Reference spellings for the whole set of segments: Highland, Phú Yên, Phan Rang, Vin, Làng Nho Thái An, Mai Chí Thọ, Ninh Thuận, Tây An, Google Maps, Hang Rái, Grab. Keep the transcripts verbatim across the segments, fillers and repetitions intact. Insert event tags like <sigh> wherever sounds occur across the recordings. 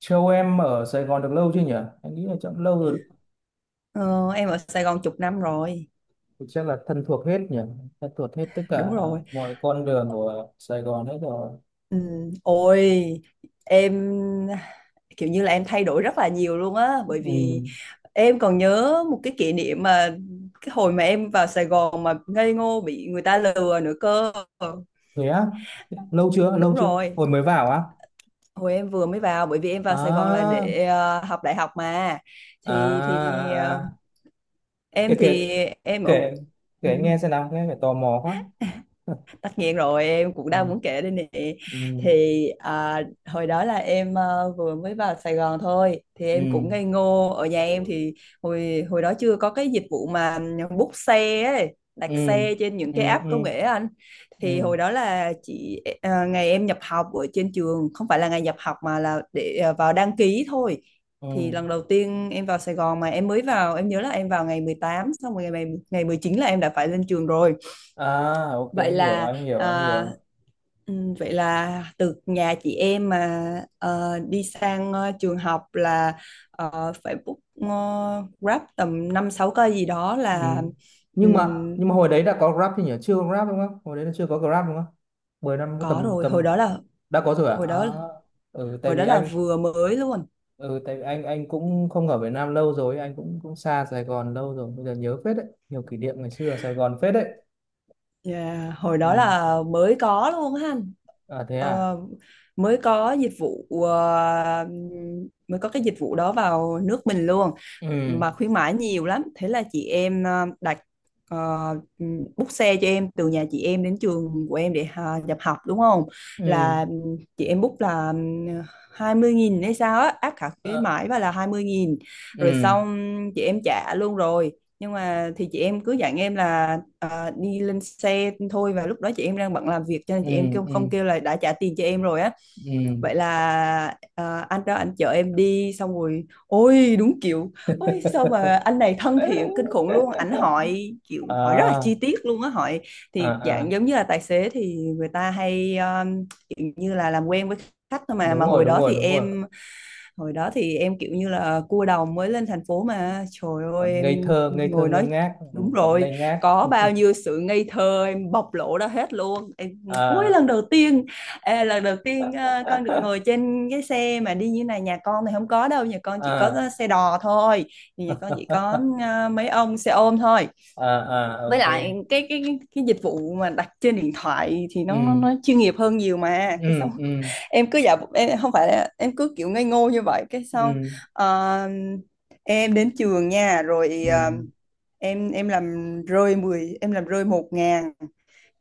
Châu em ở Sài Gòn được lâu chưa nhỉ? Em nghĩ là chắc lâu rồi. Ờ, em ở Sài Gòn chục năm rồi, Thì chắc là thân thuộc hết nhỉ? Thân thuộc hết tất đúng cả rồi. mọi con đường của Sài Gòn hết rồi. Ừ, ôi em kiểu như là em thay đổi rất là nhiều luôn á, bởi vì Ừ, em còn nhớ một cái kỷ niệm mà cái hồi mà em vào Sài Gòn mà ngây ngô bị người ta lừa nữa cơ. thế á? Lâu chưa? Đúng Lâu chưa? rồi, Hồi mới vào á? hồi em vừa mới vào, bởi vì em vào Sài Gòn là À, để ờ, học đại học mà. à, thì thì à, ờ, à. Kể, em kể, thì em ở, kể, ừ. kể nghe xem nào, nghe phải tò mò quá. <laughs> Tất nhiên rồi, em cũng Ừ, đang muốn kể đây nè. ừ, thì à, Hồi đó là em ờ, vừa mới vào Sài Gòn thôi, thì em ừ, cũng ngây ngô. Ở nhà em thì hồi hồi đó chưa có cái dịch vụ mà book xe ấy, ừ, đặt xe trên những ừ, cái app công ừ, nghệ á anh. Thì ừ, hồi đó là chị ờ, ngày em nhập học ở trên trường, không phải là ngày nhập học mà là để ờ, vào đăng ký thôi. ừ. Thì lần đầu tiên em vào Sài Gòn, mà em mới vào, em nhớ là em vào ngày mười tám, xong rồi ngày ngày mười chín là em đã phải lên trường rồi. À, ok, Vậy anh hiểu, là anh hiểu, anh à, hiểu. Ừ, vậy là từ nhà chị em mà ờ, đi sang ờ, trường học là ờ, phải book, ờ, Grab tầm năm sáu cây gì đó Ừ. là. Nhưng mà ừm, nhưng mà hồi đấy đã có Grab thì nhỉ? Chưa có Grab đúng không? Hồi đấy là chưa có Grab đúng không? mười năm có có tầm rồi, hồi tầm đó là, đã có rồi à? hồi À, đó, ừ, tại hồi đó vì là anh vừa mới luôn. ừ, tại vì anh anh cũng không ở Việt Nam lâu rồi, anh cũng cũng xa Sài Gòn lâu rồi, bây giờ nhớ phết đấy, nhiều kỷ niệm ngày xưa ở Sài Gòn phết đấy. Dạ, hồi Ừ. đó là mới có luôn ha. À thế à? ờ, Mới có dịch vụ, ờ, mới có cái dịch vụ đó vào nước mình luôn, Ừ. mà khuyến mãi nhiều lắm. Thế là chị em ờ, đặt, ờ, book xe cho em từ nhà chị em đến trường của em để à, nhập học đúng không. Ừ. Là chị em book là hai mươi nghìn hay sao á, áp cả khuyến Ờ, mãi và là hai mươi nghìn, rồi ừ. xong chị em trả luôn rồi. Nhưng mà thì chị em cứ dặn em là à, đi lên xe thôi, và lúc đó chị em đang bận làm việc cho nên Ừ. chị em kêu Ừ. không, kêu là đã trả tiền cho em rồi á. Ừ. Vậy là à, anh đó anh chở em đi, xong rồi ôi đúng kiểu, ôi sao mà anh này thân thiện kinh khủng luôn. Ảnh hỏi <laughs> kiểu hỏi rất là À, chi tiết luôn á, hỏi à, thì à, dạng giống như là tài xế thì người ta hay um, kiểu như là làm quen với khách thôi mà. đúng mà rồi, hồi đúng đó rồi, thì đúng rồi. em hồi đó thì em kiểu như là cua đồng mới lên thành phố, mà trời Còn ơi ngây em thơ, ngây thơ ngồi ngơ nói, ngác, ừ, đúng còn rồi, ngây ngác. có bao nhiêu sự ngây thơ em bộc lộ ra hết luôn. Em ôi À. lần đầu tiên, à, lần đầu tiên à, con được ngồi <laughs> trên cái xe mà đi như này, nhà con thì không có đâu, nhà con chỉ có À, xe đò thôi, thì nhà con chỉ có à, mấy ông xe ôm thôi. à, à, Với ok. lại cái cái cái cái dịch vụ mà đặt trên điện thoại thì nó nó, Ừ, nó chuyên nghiệp hơn nhiều mà, cái ừ, xong ừ, <laughs> em cứ giả bộ- em không phải là em cứ kiểu ngây ngô như vậy, cái xong ừ, ờ, em đến trường nha. Rồi ừ. ờ, em em làm rơi mười, em làm rơi một ngàn.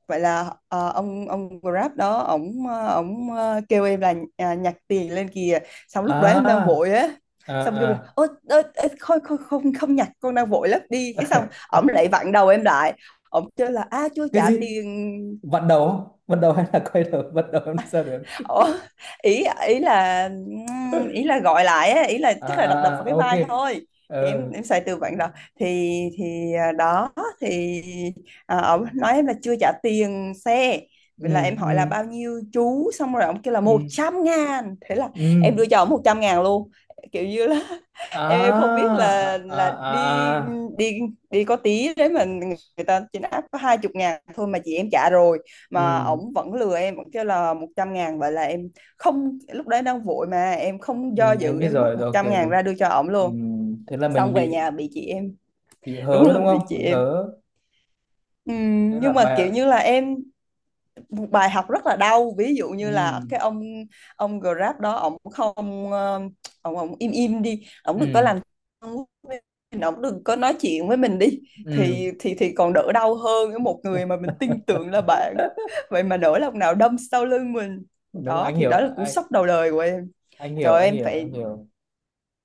Vậy là ờ, ông ông Grab đó, ổng ờ, ổng ờ, kêu em là à, nhặt tiền lên kìa. Xong lúc đấy em đang À, vội á, à, xong kêu là à. ôi, ơ, ơ, không, không không không nhặt, con đang vội lắm đi. Cái xong ổng lại vặn đầu em lại, ổng kêu là a chưa Cái trả gì? tiền. Vặn đầu không? Vặn đầu hay là quay đầu? Vặn đầu làm sao được? Ủa, ý ý là, ý là gọi lại á, ý là À, chắc là đập đập à, vào à, cái ok. vai thôi. Thì em Ờ. em xài từ vựng rồi. Thì thì à, đó thì à, ông nói em là chưa trả tiền xe. Ừ, Vậy là em hỏi là ừ, bao nhiêu chú, xong rồi ông kêu là một ừ, trăm ngàn Thế là ừ. em đưa cho ông một trăm ngàn luôn, kiểu như là <laughs> em À, không biết là à, à, là à, đi à. đi đi có tí đấy mà, người ta trên app có hai chục ngàn thôi mà chị em trả rồi, mà Ừ, ổng vẫn lừa em vẫn kêu là một trăm ngàn. Vậy là em không, lúc đấy đang vội mà em không ừ, do anh dự, biết em móc rồi một rồi, ok, trăm ngàn đúng. ra đưa cho ổng Ừ. luôn. Thế là mình Xong về bị nhà bị chị em, bị <laughs> đúng hớ rồi, đúng bị không, chị bị em. hớ? Thế Ừm, là Nhưng mà kiểu bài. như là em, bài học rất là đau. Ví dụ như là Ừ, cái ông ông Grab đó, ông không ờ, ông ông im im đi, ông đừng có ừ, làm, ông đừng có nói chuyện với mình đi, ừ, thì thì thì còn đỡ đau hơn với một người mà mình tin tưởng là bạn, vậy mà nỗi lòng nào đâm sau lưng mình. đúng, Đó anh thì hiểu, đó là cú anh sốc đầu đời của em. anh Trời hiểu ơi, anh em hiểu anh phải, hiểu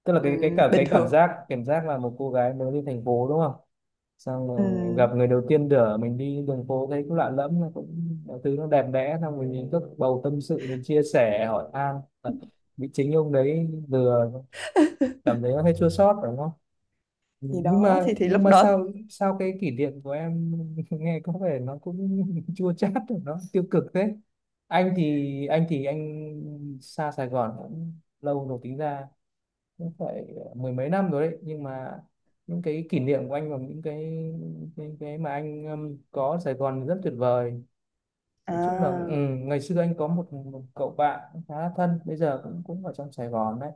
Tức là cái cái ừm, cả bình cái cảm thường. giác cảm giác là một cô gái mới đi thành phố đúng không, xong rồi gặp Ừm, người đầu tiên đỡ mình đi đường phố thấy cũng lạ lẫm, nó cũng mọi thứ nó đẹp đẽ, xong rồi mình cứ bầu tâm sự mình chia sẻ hỏi han, bị chính ông đấy vừa, cảm thấy nó hơi chua xót đúng không. thì nhưng đó mà thì thì nhưng lúc mà đó, sao sao cái kỷ niệm của em <laughs> nghe có vẻ nó cũng <laughs> chua chát rồi, nó tiêu cực thế. Anh thì anh thì anh xa Sài Gòn cũng lâu rồi, tính ra cũng phải mười mấy năm rồi đấy, nhưng mà những cái kỷ niệm của anh và những cái, cái, cái mà anh um, có ở Sài Gòn rất tuyệt vời. Nói chung là, ừ, à ngày xưa anh có một, một cậu bạn khá là thân, bây giờ cũng cũng ở trong Sài Gòn đấy,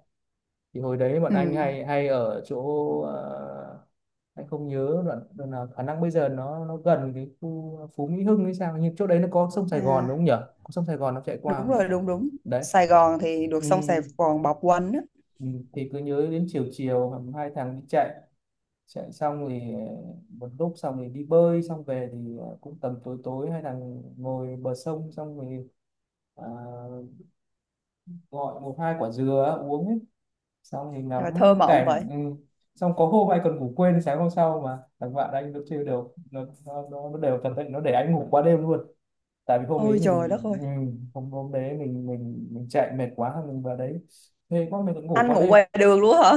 thì hồi đấy bọn anh ừm, hay hay ở chỗ ờ, anh không nhớ đoạn, đoạn nào, khả năng bây giờ nó nó gần cái khu Phú Mỹ Hưng hay sao, nhưng chỗ đấy nó có sông Sài Gòn đúng à không nhỉ? Có sông Sài Gòn nó chạy qua đúng không nhỉ? rồi, đúng đúng. Đấy. Sài Gòn thì được, Ừ, xong Sài Gòn bọc quanh á. ừ, thì cứ nhớ đến chiều chiều hầm hai thằng đi chạy, chạy xong thì ờ, một lúc xong thì đi bơi, xong về thì ờ, cũng tầm tối tối hai thằng ngồi bờ sông, xong thì, à, gọi một hai quả dừa uống ấy, xong thì Trời thơ ngắm mộng vậy. cảnh. Ừ. Xong có hôm anh còn ngủ quên sáng hôm sau, mà thằng bạn anh nó chơi đều, nó nó, nó, nó đều cẩn thận, nó để anh ngủ qua đêm luôn, tại vì hôm Ôi ấy trời mình, đất ơi. ừ, hôm hôm đấy mình mình mình chạy mệt quá mình vào đấy, thế quá mình cũng ngủ Anh qua ngủ đêm. ngoài đường luôn hả?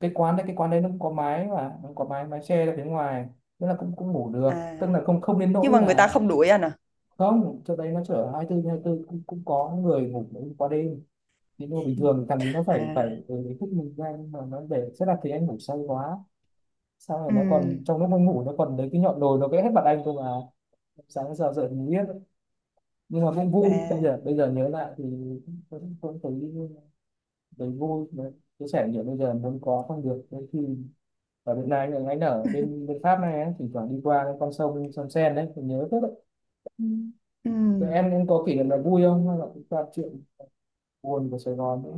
Cái quán đấy, cái quán đấy nó cũng có mái mà, nó có mái, mái che ra phía ngoài, nên là cũng cũng ngủ được, À, tức là không, không đến nhưng nỗi mà người ta là. không đuổi anh à? Không, chỗ đấy nó chở hai mươi tư trên hai mươi tư cũng cũng có người ngủ qua đêm, những đồ bình thường thằng ấy nó phải À, phải, ừ, ý thức mình ra, nhưng mà nó để sẽ là thấy anh ngủ say quá. Sau này nó còn ừm, trong lúc anh ngủ nó còn lấy cái nhọn đồi nó vẽ hết mặt anh cơ mà, sáng giờ dậy mình biết. Nhưng mà cũng vui, bây à, giờ bây giờ nhớ lại thì cũng cũng thấy, thấy vui. Đấy, chia sẻ nhiều, bây giờ muốn có không được đôi khi. Ở Việt Nam, anh anh ở bên bên Pháp này ấy, thỉnh thoảng đi qua cái con sông, sông Sen đấy mình nhớ rất. Ừ. Rồi ừm, em em có kỷ niệm là vui không hay là cũng toàn chuyện buồn của Sài Gòn nữa?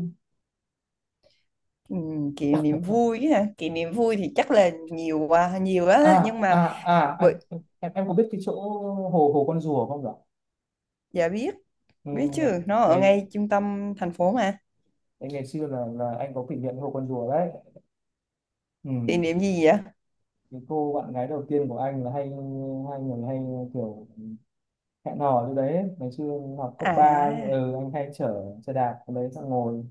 ừm, Kỷ niệm vui ha. Kỷ niệm vui thì chắc là nhiều quá, nhiều À, á. Nhưng mà à, à, bởi, anh em, em có biết cái chỗ hồ hồ con rùa không nhỉ? dạ biết, Ừ, biết chứ. ngày Nó ở ngày ngay trung tâm thành phố mà. ngày xưa là là anh có kỷ niệm hồ con rùa đấy. Ừ. Kỷ niệm gì vậy? Cái cô bạn gái đầu tiên của anh là hay, hai người hay kiểu hẹn hò như đấy, ngày xưa học cấp ba, anh, À, ừ, anh hay chở xe đạp ở đấy xong ngồi,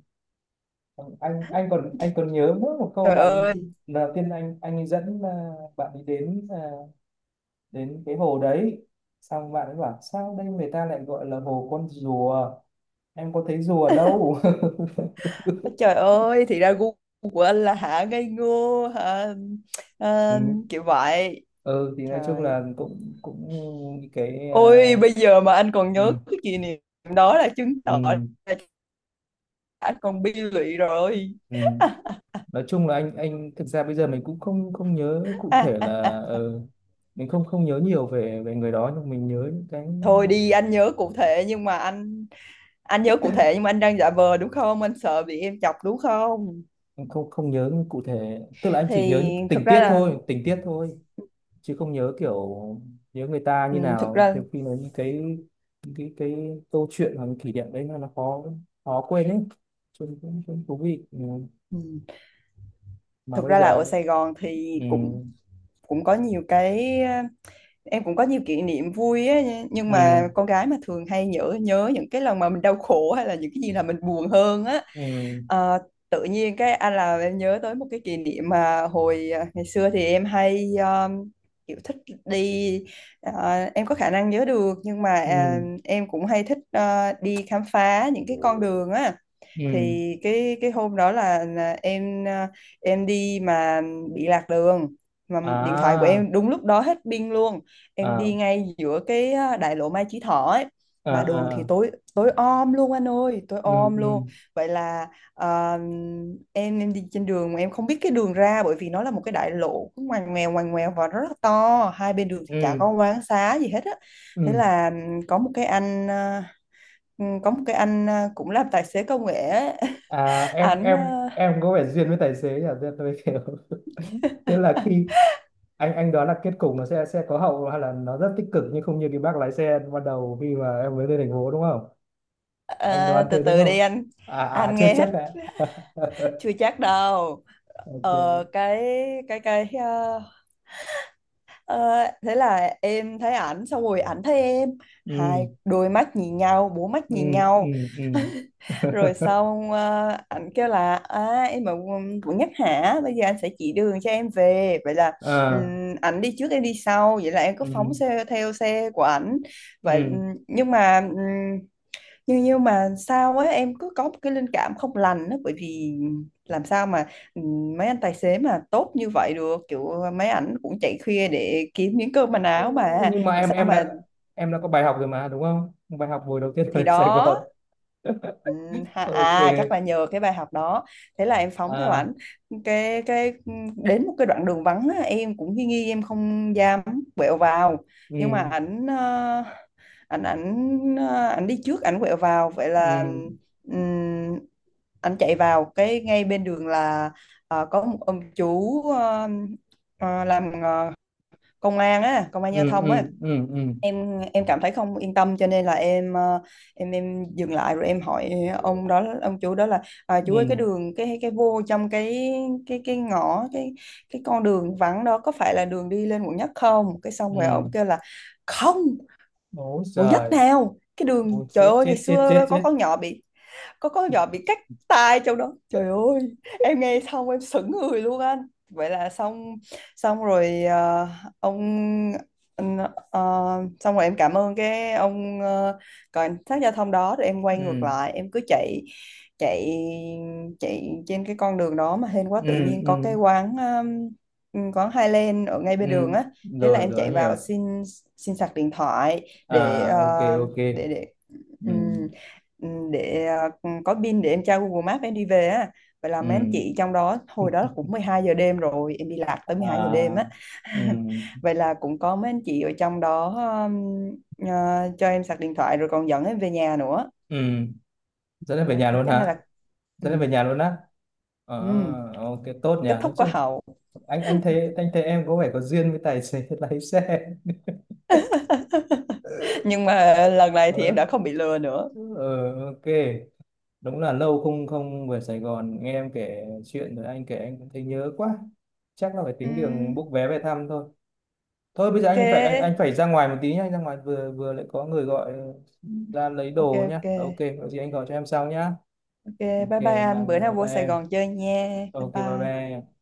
anh anh còn anh còn nhớ mỗi một câu trời bạn ấy. ơi, Lần đầu tiên anh anh ấy dẫn, à, bạn đi đến, à, đến cái hồ đấy, xong bạn ấy bảo sao đây người ta lại gọi là hồ con rùa, em có thấy dù ở đâu. <laughs> ôi trời ơi, thì ra gu của anh là hả ngây ngô, hả, Ừ. à, kiểu vậy. Ừ thì nói chung Trời, là cũng cũng cái, à, ôi bây giờ mà anh còn nhớ ừ. cái kỷ niệm đó là chứng Ừ. tỏ là anh còn bi lụy rồi. Ừ. Nói chung là anh anh thực ra bây giờ mình cũng không, không nhớ cụ À, thể à, là, ờ, mình không, không nhớ nhiều về về người đó, nhưng mình nhớ những cái, Thôi đi anh nhớ cụ thể, nhưng mà anh anh nhớ cụ thể nhưng mà anh đang giả vờ đúng không? Anh sợ bị em chọc đúng không? mình không, không nhớ cụ thể, tức là anh chỉ nhớ Thì những tình thực ra tiết là thôi, tình tiết thôi, chứ không nhớ kiểu nhớ người ta ừ, như thực nào, ra nhiều khi là những cái, những cái cái câu chuyện hoặc là kỷ niệm đấy nó nó khó, khó quên ấy, chung cũng cũng thú vị. Ừ. ừ, Mà thực bây ra là ở giờ, Sài Gòn thì ừ, cũng cũng có nhiều cái, em cũng có nhiều kỷ niệm vui á. Nhưng ừ, mà con gái mà thường hay nhớ, nhớ những cái lần mà mình đau khổ hay là những cái gì là mình buồn hơn á. ừ, Ờ, tự nhiên cái anh là em nhớ tới một cái kỷ niệm mà hồi à, ngày xưa thì em hay um, kiểu thích đi, à, em có khả năng nhớ được, nhưng mà à, ừ, em cũng hay thích à, đi khám phá những cái con đường á. ừ, Thì cái cái hôm đó là, là em, à, em đi mà bị lạc đường, mà điện thoại của à, em đúng lúc đó hết pin luôn. Em à, đi ngay giữa cái à, đại lộ Mai Chí Thọ ấy, à, mà đường thì à, tối, tối om luôn anh ơi, tối ừ, om ừ, luôn. Vậy là Ờ, em em đi trên đường mà em không biết cái đường ra, bởi vì nó là một cái đại lộ cứ ngoằn ngoèo ngoằn ngoèo và rất là to, hai bên đường thì chả ừ, có quán xá gì hết á. Thế ừ, là ừm, có một cái anh ờ, ừm, có một cái anh ờ, cũng làm tài xế công nghệ á. à. <laughs> em ảnh em ờ, em có vẻ duyên với tài xế nhỉ. Duyên tôi kiểu. <laughs> Tức là khi anh anh đoán là kết cục nó sẽ sẽ có hậu hay là nó rất tích cực, nhưng không như cái bác lái xe ban đầu khi mà em mới lên thành phố đúng không, anh ờ, đoán Từ thế đúng từ đi không? anh À, à, anh chưa nghe hết, chắc đấy. <laughs> chưa chắc đâu. Ok. ờ, cái cái cái ờ, ờ, Thế là em thấy ảnh, xong rồi ảnh thấy em, hai Ừ, đôi mắt nhìn nhau, bốn mắt ừ, nhìn ừ, nhau. ừ. <laughs> Rồi <laughs> xong ờ, ảnh kêu là à, em ở quận quận Nhất hả, bây giờ anh sẽ chỉ đường cho em về. Vậy là À. ừm, ảnh đi trước em đi sau, vậy là em cứ Ừ, phóng xe theo xe của ảnh. vậy ừ. ừm, nhưng mà ừm, nhưng nhưng mà sao á, em cứ có một cái linh cảm không lành đó, bởi vì làm sao mà, ừm, mấy anh tài xế mà tốt như vậy được, kiểu mấy ảnh cũng chạy khuya để kiếm miếng cơm manh Ừ, áo mà, nhưng mà làm em, sao em mà. đã em đã có bài học rồi mà đúng không, bài học buổi đầu tiên Thì ở Sài đó. Gòn. <laughs> Ừ, ha, Ok. à chắc là nhờ cái bài học đó. Thế là em phóng theo À, ảnh, cái cái đến một cái đoạn đường vắng á, em cũng nghi nghi, em không dám quẹo vào. Nhưng mà ừ, ảnh ờ, ảnh ảnh ờ, ảnh đi trước ảnh quẹo vào. Vậy ừ, là ừm, ảnh chạy vào cái ngay bên đường là ờ, có một ông chú, ờ, ờ, làm ờ, công an á, công an ừ, giao ừ, thông á. ừ, ừ, em em cảm thấy không yên tâm cho nên là em, ờ, em em dừng lại rồi em hỏi ông đó, ông chủ đó là à, chú ơi cái ừ, đường, cái cái vô trong cái cái cái ngõ, cái cái con đường vắng đó có phải là đường đi lên quận nhất không. Cái xong rồi ông ừ. kêu là không, Bố quận giời. nhất nào, cái đường Bố trời chết ơi ngày chết chết chết xưa có chết. con nhỏ bị, có con nhỏ bị cắt tai trong đó trời ơi. Em nghe xong em sững người luôn anh. Vậy là xong, xong rồi ờ, ông anh, ờ, xong rồi em cảm ơn cái ông ờ, cảnh sát giao thông đó, rồi em quay ngược Ừ, lại em cứ chạy, chạy chạy trên cái con đường đó, mà hên quá ừ, tự nhiên có cái ừ, quán, um, quán Highland ở ngay ừ, bên đường á. Thế là rồi em rồi chạy anh hiểu. vào xin, xin sạc điện thoại để ờ, À, ok, ok. để để Ừ, ừ, để ờ, có pin để em tra Google Maps em đi về á. Vậy là ừ. mấy anh chị trong đó, hồi đó cũng mười hai giờ đêm rồi, em đi lạc tới mười hai giờ đêm á. À, <laughs> ừ, Vậy là cũng có mấy anh chị ở trong đó um, ờ, cho em sạc điện thoại rồi còn dẫn em về nhà nữa. ừ. Dẫn em về nhà luôn Cái này hả? là ừ, Dẫn em về nhà luôn á? ừ, Ờ. Ok, tốt nhỉ, kết nói thúc có chung. hậu. Anh anh thấy, anh thấy em có vẻ có duyên với tài xế <laughs> lái xe. <laughs> Nhưng mà lần này thì em Ờ, đã không bị lừa nữa. ờ, ok. Đúng là lâu không, không về Sài Gòn, nghe em kể chuyện rồi anh kể anh cũng thấy nhớ quá, chắc là phải tính đường Ừm, book vé về thăm thôi. Thôi bây giờ anh phải, anh anh ok phải ra ngoài một tí nhá, anh ra ngoài, vừa vừa lại có người gọi, ờ, ra lấy ok đồ nhá, ok ok. Có gì anh gọi cho em sau nhá. ok, bye Ok. bye Bye anh, bữa nào bye, vô bye Sài em. Gòn chơi nha, bye Ok, bye bye. bye em.